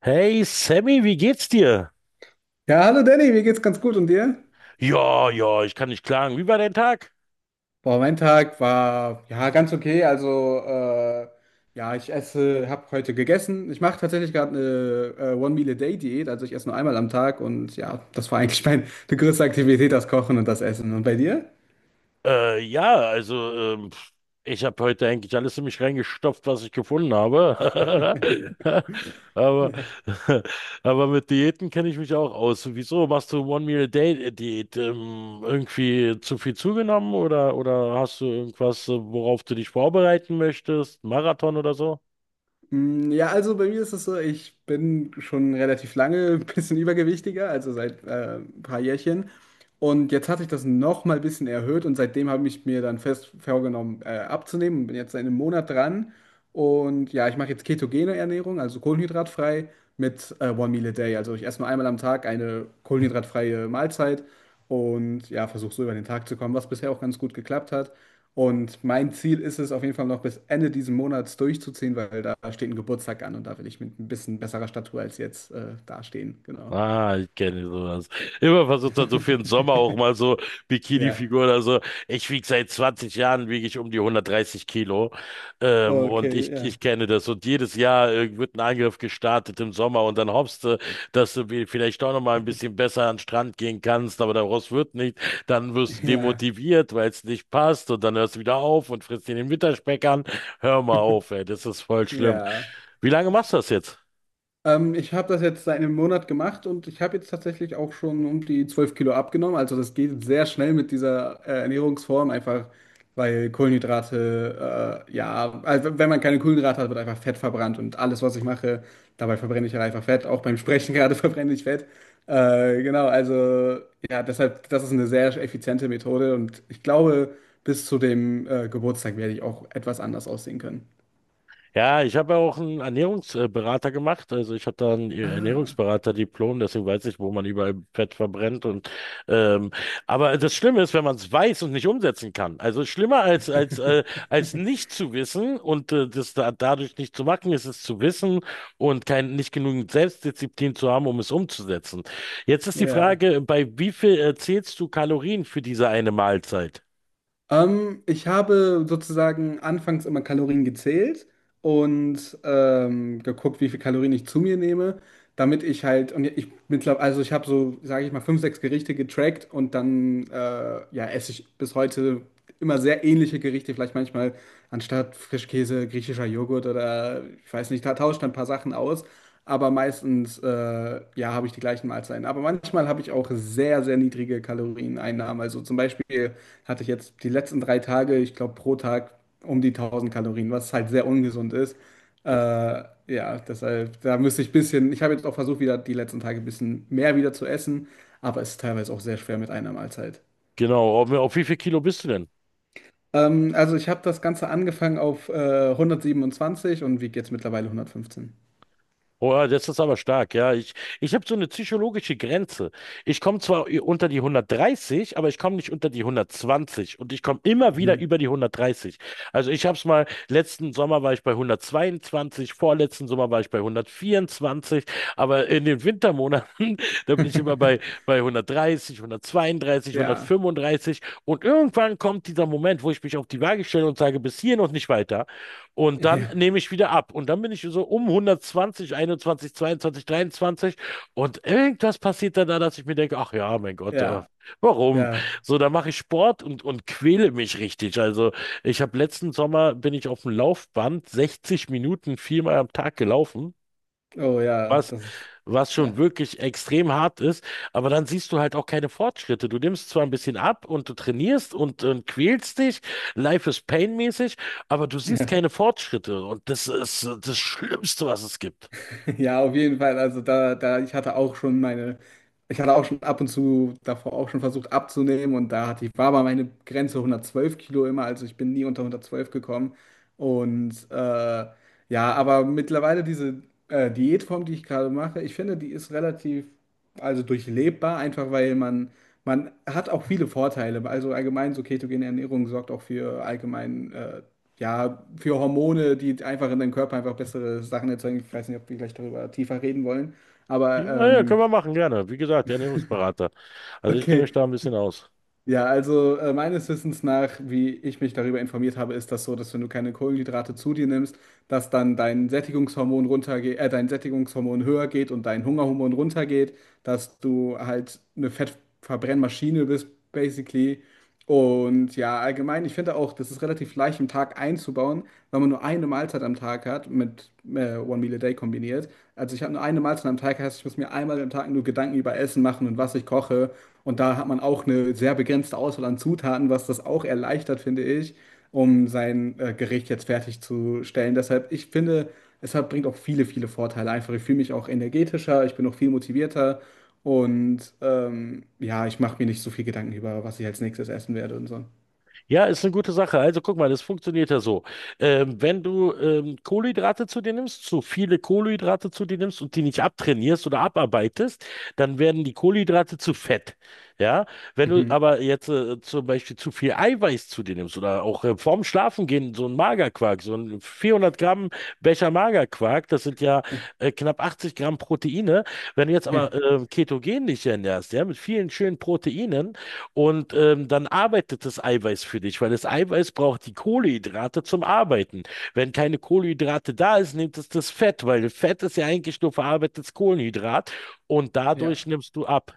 Hey Sammy, wie geht's dir? Ja, hallo Danny, mir geht's ganz gut und dir? Ja, ja, ich kann nicht klagen. Wie war dein Tag? Boah, mein Tag war ja ganz okay. Also, ja, ich esse, habe heute gegessen. Ich mache tatsächlich gerade eine One-Meal-a-Day-Diät, also ich esse nur einmal am Tag und ja, das war eigentlich meine größte Aktivität, das Kochen und das Essen. Und bei dir? Ja, also ich habe heute eigentlich alles in mich reingestopft, was ich gefunden habe. Aber, aber mit Diäten kenne ich mich auch aus. Wieso machst du One-Meal-a-Day-Diät? Irgendwie zu viel zugenommen oder, hast du irgendwas, worauf du dich vorbereiten möchtest? Marathon oder so? Mm, ja, also bei mir ist es so, ich bin schon relativ lange ein bisschen übergewichtiger, also seit ein paar Jährchen. Und jetzt hatte ich das noch mal ein bisschen erhöht und seitdem habe ich mir dann fest vorgenommen, abzunehmen und bin jetzt seit einem Monat dran. Und ja, ich mache jetzt ketogene Ernährung, also kohlenhydratfrei mit One Meal a Day. Also ich esse nur einmal am Tag eine kohlenhydratfreie Mahlzeit und ja, versuche so über den Tag zu kommen, was bisher auch ganz gut geklappt hat. Und mein Ziel ist es auf jeden Fall noch bis Ende dieses Monats durchzuziehen, weil da steht ein Geburtstag an und da will ich mit ein bisschen besserer Statur als jetzt dastehen. Genau. Ah, ich kenne sowas. Immer versucht dann so für den Sommer auch mal so Ja. Bikini-Figur oder so. Ich wiege seit 20 Jahren, wiege ich um die 130 Kilo. Und ich, Okay, ja. ich kenne das. Und jedes Jahr wird ein Angriff gestartet im Sommer und dann hoffst du, dass du vielleicht doch noch mal ein bisschen besser an den Strand gehen kannst, aber daraus wird nicht. Dann wirst du Ja. demotiviert, weil es nicht passt und dann hörst du wieder auf und frisst dir den Winterspeck an. Hör mal auf, ey, das ist voll schlimm. Ja. Wie lange machst du das jetzt? Ich habe das jetzt seit einem Monat gemacht und ich habe jetzt tatsächlich auch schon um die 12 Kilo abgenommen. Also das geht sehr schnell mit dieser Ernährungsform, einfach weil Kohlenhydrate, ja, also wenn man keine Kohlenhydrate hat, wird einfach Fett verbrannt und alles, was ich mache, dabei verbrenne ich halt einfach Fett. Auch beim Sprechen gerade verbrenne ich Fett. Genau, also ja, deshalb, das ist eine sehr effiziente Methode und ich glaube, bis zu dem Geburtstag werde ich auch etwas anders aussehen können. Ja, ich habe ja auch einen Ernährungsberater gemacht. Also ich habe da ein Ah, Ernährungsberater-Diplom, deswegen weiß ich, wo man überall Fett verbrennt. Und ähm, aber das Schlimme ist, wenn man es weiß und nicht umsetzen kann. Also schlimmer als als nicht zu wissen und dadurch nicht zu machen, ist es zu wissen und kein nicht genügend Selbstdisziplin zu haben, um es umzusetzen. Jetzt ist die ja. Frage, bei wie viel zählst du Kalorien für diese eine Mahlzeit? Ich habe sozusagen anfangs immer Kalorien gezählt und geguckt, wie viel Kalorien ich zu mir nehme, damit ich halt, und ich mittlerweile, also ich habe so, sage ich mal, fünf, sechs Gerichte getrackt und dann, ja, esse ich bis heute immer sehr ähnliche Gerichte, vielleicht manchmal anstatt Frischkäse griechischer Joghurt oder ich weiß nicht, da tauscht ein paar Sachen aus, aber meistens ja, habe ich die gleichen Mahlzeiten. Aber manchmal habe ich auch sehr, sehr niedrige Kalorieneinnahmen. Also zum Beispiel hatte ich jetzt die letzten 3 Tage, ich glaube pro Tag um die 1000 Kalorien, was halt sehr ungesund ist. Äh, ja, deshalb, da müsste ich ein bisschen, ich habe jetzt auch versucht, wieder die letzten Tage ein bisschen mehr wieder zu essen, aber es ist teilweise auch sehr schwer mit einer Mahlzeit. Genau, auf wie viel Kilo bist du denn? Also ich habe das Ganze angefangen auf 127 und wiege jetzt mittlerweile 115. Boah, das ist aber stark, ja. Ich habe so eine psychologische Grenze. Ich komme zwar unter die 130, aber ich komme nicht unter die 120 und ich komme immer wieder Mhm. über die 130. Also ich habe es mal, letzten Sommer war ich bei 122, vorletzten Sommer war ich bei 124, aber in den Wintermonaten, da bin ich immer bei, bei 130, 132, Ja, 135 und irgendwann kommt dieser Moment, wo ich mich auf die Waage stelle und sage, bis hierhin und nicht weiter. Und dann ja, nehme ich wieder ab. Und dann bin ich so um 120, 21, 22, 23. Und irgendwas passiert dann da, dass ich mir denke, ach ja, mein Gott, ja, warum? ja. So, da mache ich Sport und, quäle mich richtig. Also ich habe letzten Sommer, bin ich auf dem Laufband 60 Minuten viermal am Tag gelaufen, Oh ja, was das ist. Schon Ja. wirklich extrem hart ist, aber dann siehst du halt auch keine Fortschritte. Du nimmst zwar ein bisschen ab und du trainierst und, quälst dich, Life is Pain-mäßig, aber du siehst Ja. keine Fortschritte und das ist das Schlimmste, was es gibt. Ja, auf jeden Fall. Also da, ich hatte auch schon meine, ich hatte auch schon ab und zu davor auch schon versucht abzunehmen und da hatte ich, war aber meine Grenze 112 Kilo immer, also ich bin nie unter 112 gekommen. Und ja, aber mittlerweile diese Diätform, die ich gerade mache, ich finde, die ist relativ, also durchlebbar, einfach weil man hat auch viele Vorteile. Also allgemein so ketogene Ernährung sorgt auch für allgemein, ja, für Hormone, die einfach in deinem Körper einfach bessere Sachen erzeugen. Ich weiß nicht, ob wir gleich darüber tiefer reden wollen, aber Ja, ja, können wir machen, gerne. Wie gesagt, Ernährungsberater. Also ich kenne okay. mich da ein bisschen aus. Ja, also meines Wissens nach, wie ich mich darüber informiert habe, ist das so, dass wenn du keine Kohlenhydrate zu dir nimmst, dass dann dein Sättigungshormon runtergeht, dein Sättigungshormon höher geht und dein Hungerhormon runtergeht, dass du halt eine Fettverbrennmaschine bist, basically, und ja, allgemein, ich finde auch, das ist relativ leicht im Tag einzubauen, weil man nur eine Mahlzeit am Tag hat, mit One Meal a Day kombiniert. Also ich habe nur eine Mahlzeit am Tag, heißt, ich muss mir einmal am Tag nur Gedanken über Essen machen und was ich koche. Und da hat man auch eine sehr begrenzte Auswahl an Zutaten, was das auch erleichtert, finde ich, um sein Gericht jetzt fertigzustellen. Deshalb, ich finde, es hat, bringt auch viele, viele Vorteile einfach. Ich fühle mich auch energetischer, ich bin auch viel motivierter. Und ja, ich mache mir nicht so viel Gedanken über, was ich als nächstes essen werde und so. Ja, ist eine gute Sache. Also guck mal, das funktioniert ja so. Wenn du Kohlenhydrate zu dir nimmst, zu viele Kohlenhydrate zu dir nimmst und die nicht abtrainierst oder abarbeitest, dann werden die Kohlenhydrate zu Fett. Ja, wenn du Mhm. aber jetzt zum Beispiel zu viel Eiweiß zu dir nimmst oder auch vorm Schlafengehen so ein Magerquark, so ein 400 Gramm Becher Magerquark, das sind ja knapp 80 Gramm Proteine. Wenn du jetzt aber ketogen dich ernährst, ja, mit vielen schönen Proteinen, und dann arbeitet das Eiweiß für dich, weil das Eiweiß braucht die Kohlenhydrate zum Arbeiten. Wenn keine Kohlenhydrate da ist, nimmt es das Fett, weil Fett ist ja eigentlich nur verarbeitetes Kohlenhydrat und dadurch Ja, nimmst du ab.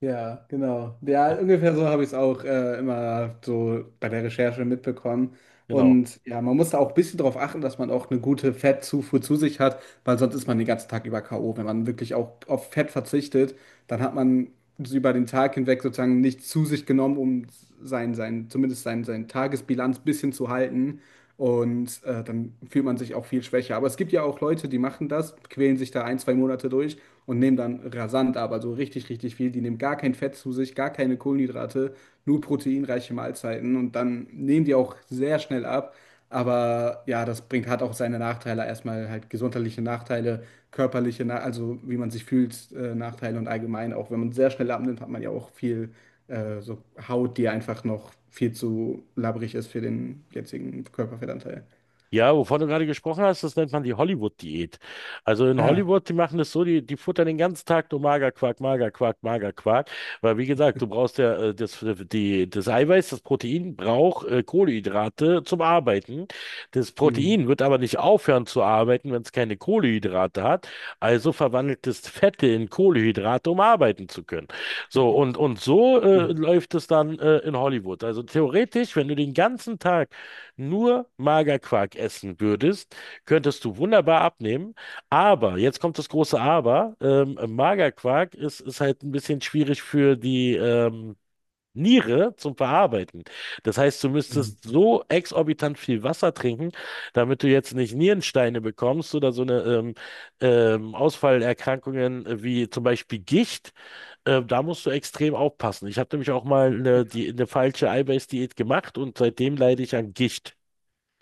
ja, genau. Ja, ungefähr so habe ich es auch immer so bei der Recherche mitbekommen. Genau. Und ja, man muss da auch ein bisschen drauf achten, dass man auch eine gute Fettzufuhr zu sich hat, weil sonst ist man den ganzen Tag über K.O. Wenn man wirklich auch auf Fett verzichtet, dann hat man über den Tag hinweg sozusagen nichts zu sich genommen, um sein, zumindest sein Tagesbilanz ein bisschen zu halten. Und dann fühlt man sich auch viel schwächer. Aber es gibt ja auch Leute, die machen das, quälen sich da ein, zwei Monate durch und nehmen dann rasant aber so richtig, richtig viel. Die nehmen gar kein Fett zu sich, gar keine Kohlenhydrate, nur proteinreiche Mahlzeiten und dann nehmen die auch sehr schnell ab. Aber ja, das bringt, hat auch seine Nachteile. Erstmal halt gesundheitliche Nachteile, körperliche, na also wie man sich fühlt, Nachteile und allgemein auch, wenn man sehr schnell abnimmt, hat man ja auch viel so Haut, die einfach noch viel zu labbrig ist für den jetzigen Körperfettanteil. Ja, wovon du gerade gesprochen hast, das nennt man die Hollywood-Diät. Also in Ah, Hollywood, die, machen das so, die futtern den ganzen Tag nur Magerquark, Magerquark, Magerquark. Weil wie gesagt, du brauchst ja das Eiweiß, das Protein braucht Kohlenhydrate zum Arbeiten. Das hm, Protein wird aber nicht aufhören zu arbeiten, wenn es keine Kohlenhydrate hat. Also verwandelt es Fette in Kohlenhydrate, um arbeiten zu können. So, und, so ja. läuft es dann in Hollywood. Also theoretisch, wenn du den ganzen Tag nur Magerquark essen würdest, könntest du wunderbar abnehmen. Aber, jetzt kommt das große Aber, Magerquark ist halt ein bisschen schwierig für die Niere zum Verarbeiten. Das heißt, du Hm. müsstest so exorbitant viel Wasser trinken, damit du jetzt nicht Nierensteine bekommst oder so eine Ausfallerkrankungen wie zum Beispiel Gicht. Da musst du extrem aufpassen. Ich habe nämlich auch mal Ja. Eine falsche Eiweißdiät gemacht und seitdem leide ich an Gicht.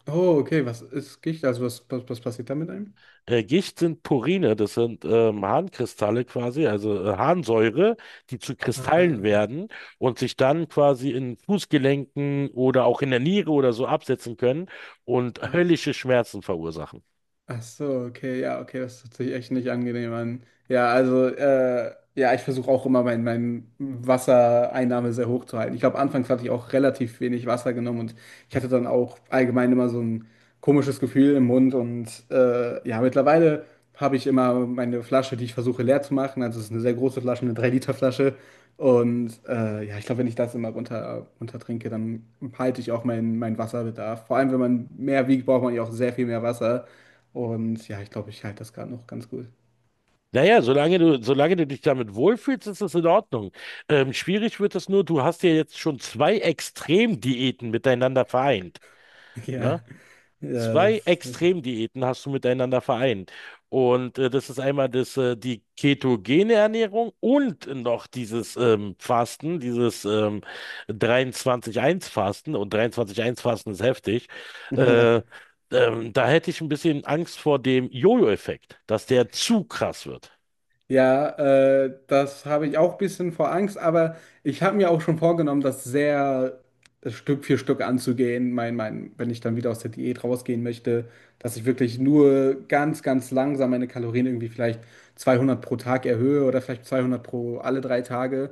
Oh, okay, was ist Gicht? Also was passiert da mit einem? Gicht sind Purine, das sind Harnkristalle quasi, also Harnsäure, die zu Kristallen Ah, werden und sich dann quasi in Fußgelenken oder auch in der Niere oder so absetzen können und ah, höllische Schmerzen verursachen. ach so, okay, ja, okay, das hört sich echt nicht angenehm an. Ja, also, ja, ich versuche auch immer mein Wassereinnahme sehr hoch zu halten. Ich glaube, anfangs hatte ich auch relativ wenig Wasser genommen und ich hatte dann auch allgemein immer so ein komisches Gefühl im Mund und ja, mittlerweile habe ich immer meine Flasche, die ich versuche leer zu machen. Also, es ist eine sehr große Flasche, eine 3 Liter flasche. Und ja, ich glaube, wenn ich das immer runter, runter trinke, dann halte ich auch meinen Wasserbedarf. Vor allem, wenn man mehr wiegt, braucht man ja auch sehr viel mehr Wasser. Und ja, ich glaube, ich halte das gerade noch ganz gut. Naja, solange du dich damit wohlfühlst, ist das in Ordnung. Schwierig wird es nur, du hast ja jetzt schon zwei Extremdiäten miteinander vereint. Ne? Ja, ja, Zwei das, Extremdiäten hast du miteinander vereint. Und das ist einmal die ketogene Ernährung und noch dieses Fasten, dieses 23-1-Fasten. Und 23-1-Fasten ist heftig. Äh, ja. Da hätte ich ein bisschen Angst vor dem Jojo-Effekt, dass der zu krass wird. Ja, das habe ich auch ein bisschen vor Angst, aber ich habe mir auch schon vorgenommen, das sehr Stück für Stück anzugehen. Wenn ich dann wieder aus der Diät rausgehen möchte, dass ich wirklich nur ganz, ganz langsam meine Kalorien irgendwie vielleicht 200 pro Tag erhöhe oder vielleicht 200 pro alle 3 Tage.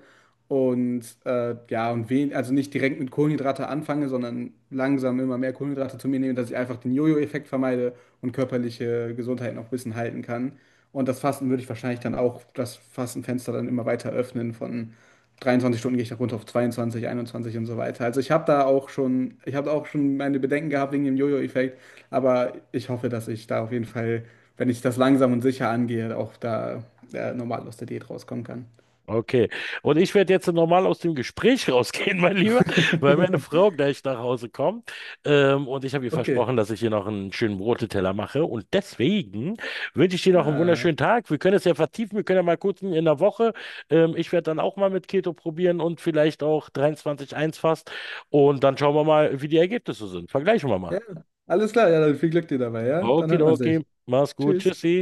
Und ja, und also nicht direkt mit Kohlenhydrate anfange, sondern langsam immer mehr Kohlenhydrate zu mir nehme, dass ich einfach den Jojo-Effekt vermeide und körperliche Gesundheit noch ein bisschen halten kann. Und das Fasten würde ich wahrscheinlich dann auch das Fastenfenster dann immer weiter öffnen. Von 23 Stunden gehe ich da runter auf 22, 21 und so weiter. Also ich habe da auch schon, ich habe auch schon meine Bedenken gehabt wegen dem Jojo-Effekt, aber ich hoffe, dass ich da auf jeden Fall, wenn ich das langsam und sicher angehe, auch da normal aus der Diät rauskommen kann. Okay. Und ich werde jetzt normal aus dem Gespräch rausgehen, mein Lieber, weil meine Frau gleich nach Hause kommt. Und ich habe ihr Okay. versprochen, dass ich ihr noch einen schönen Broteteller mache. Und deswegen wünsche ich dir noch einen Ah, wunderschönen Tag. Wir können es ja vertiefen. Wir können ja mal kurz in der Woche. Ich werde dann auch mal mit Keto probieren und vielleicht auch 23-1 fast. Und dann schauen wir mal, wie die Ergebnisse sind. Vergleichen wir mal. ja, alles klar. Ja, dann viel Glück dir dabei, ja? Dann hört man Okidoki. sich. Mach's gut. Tschüss. Tschüssi.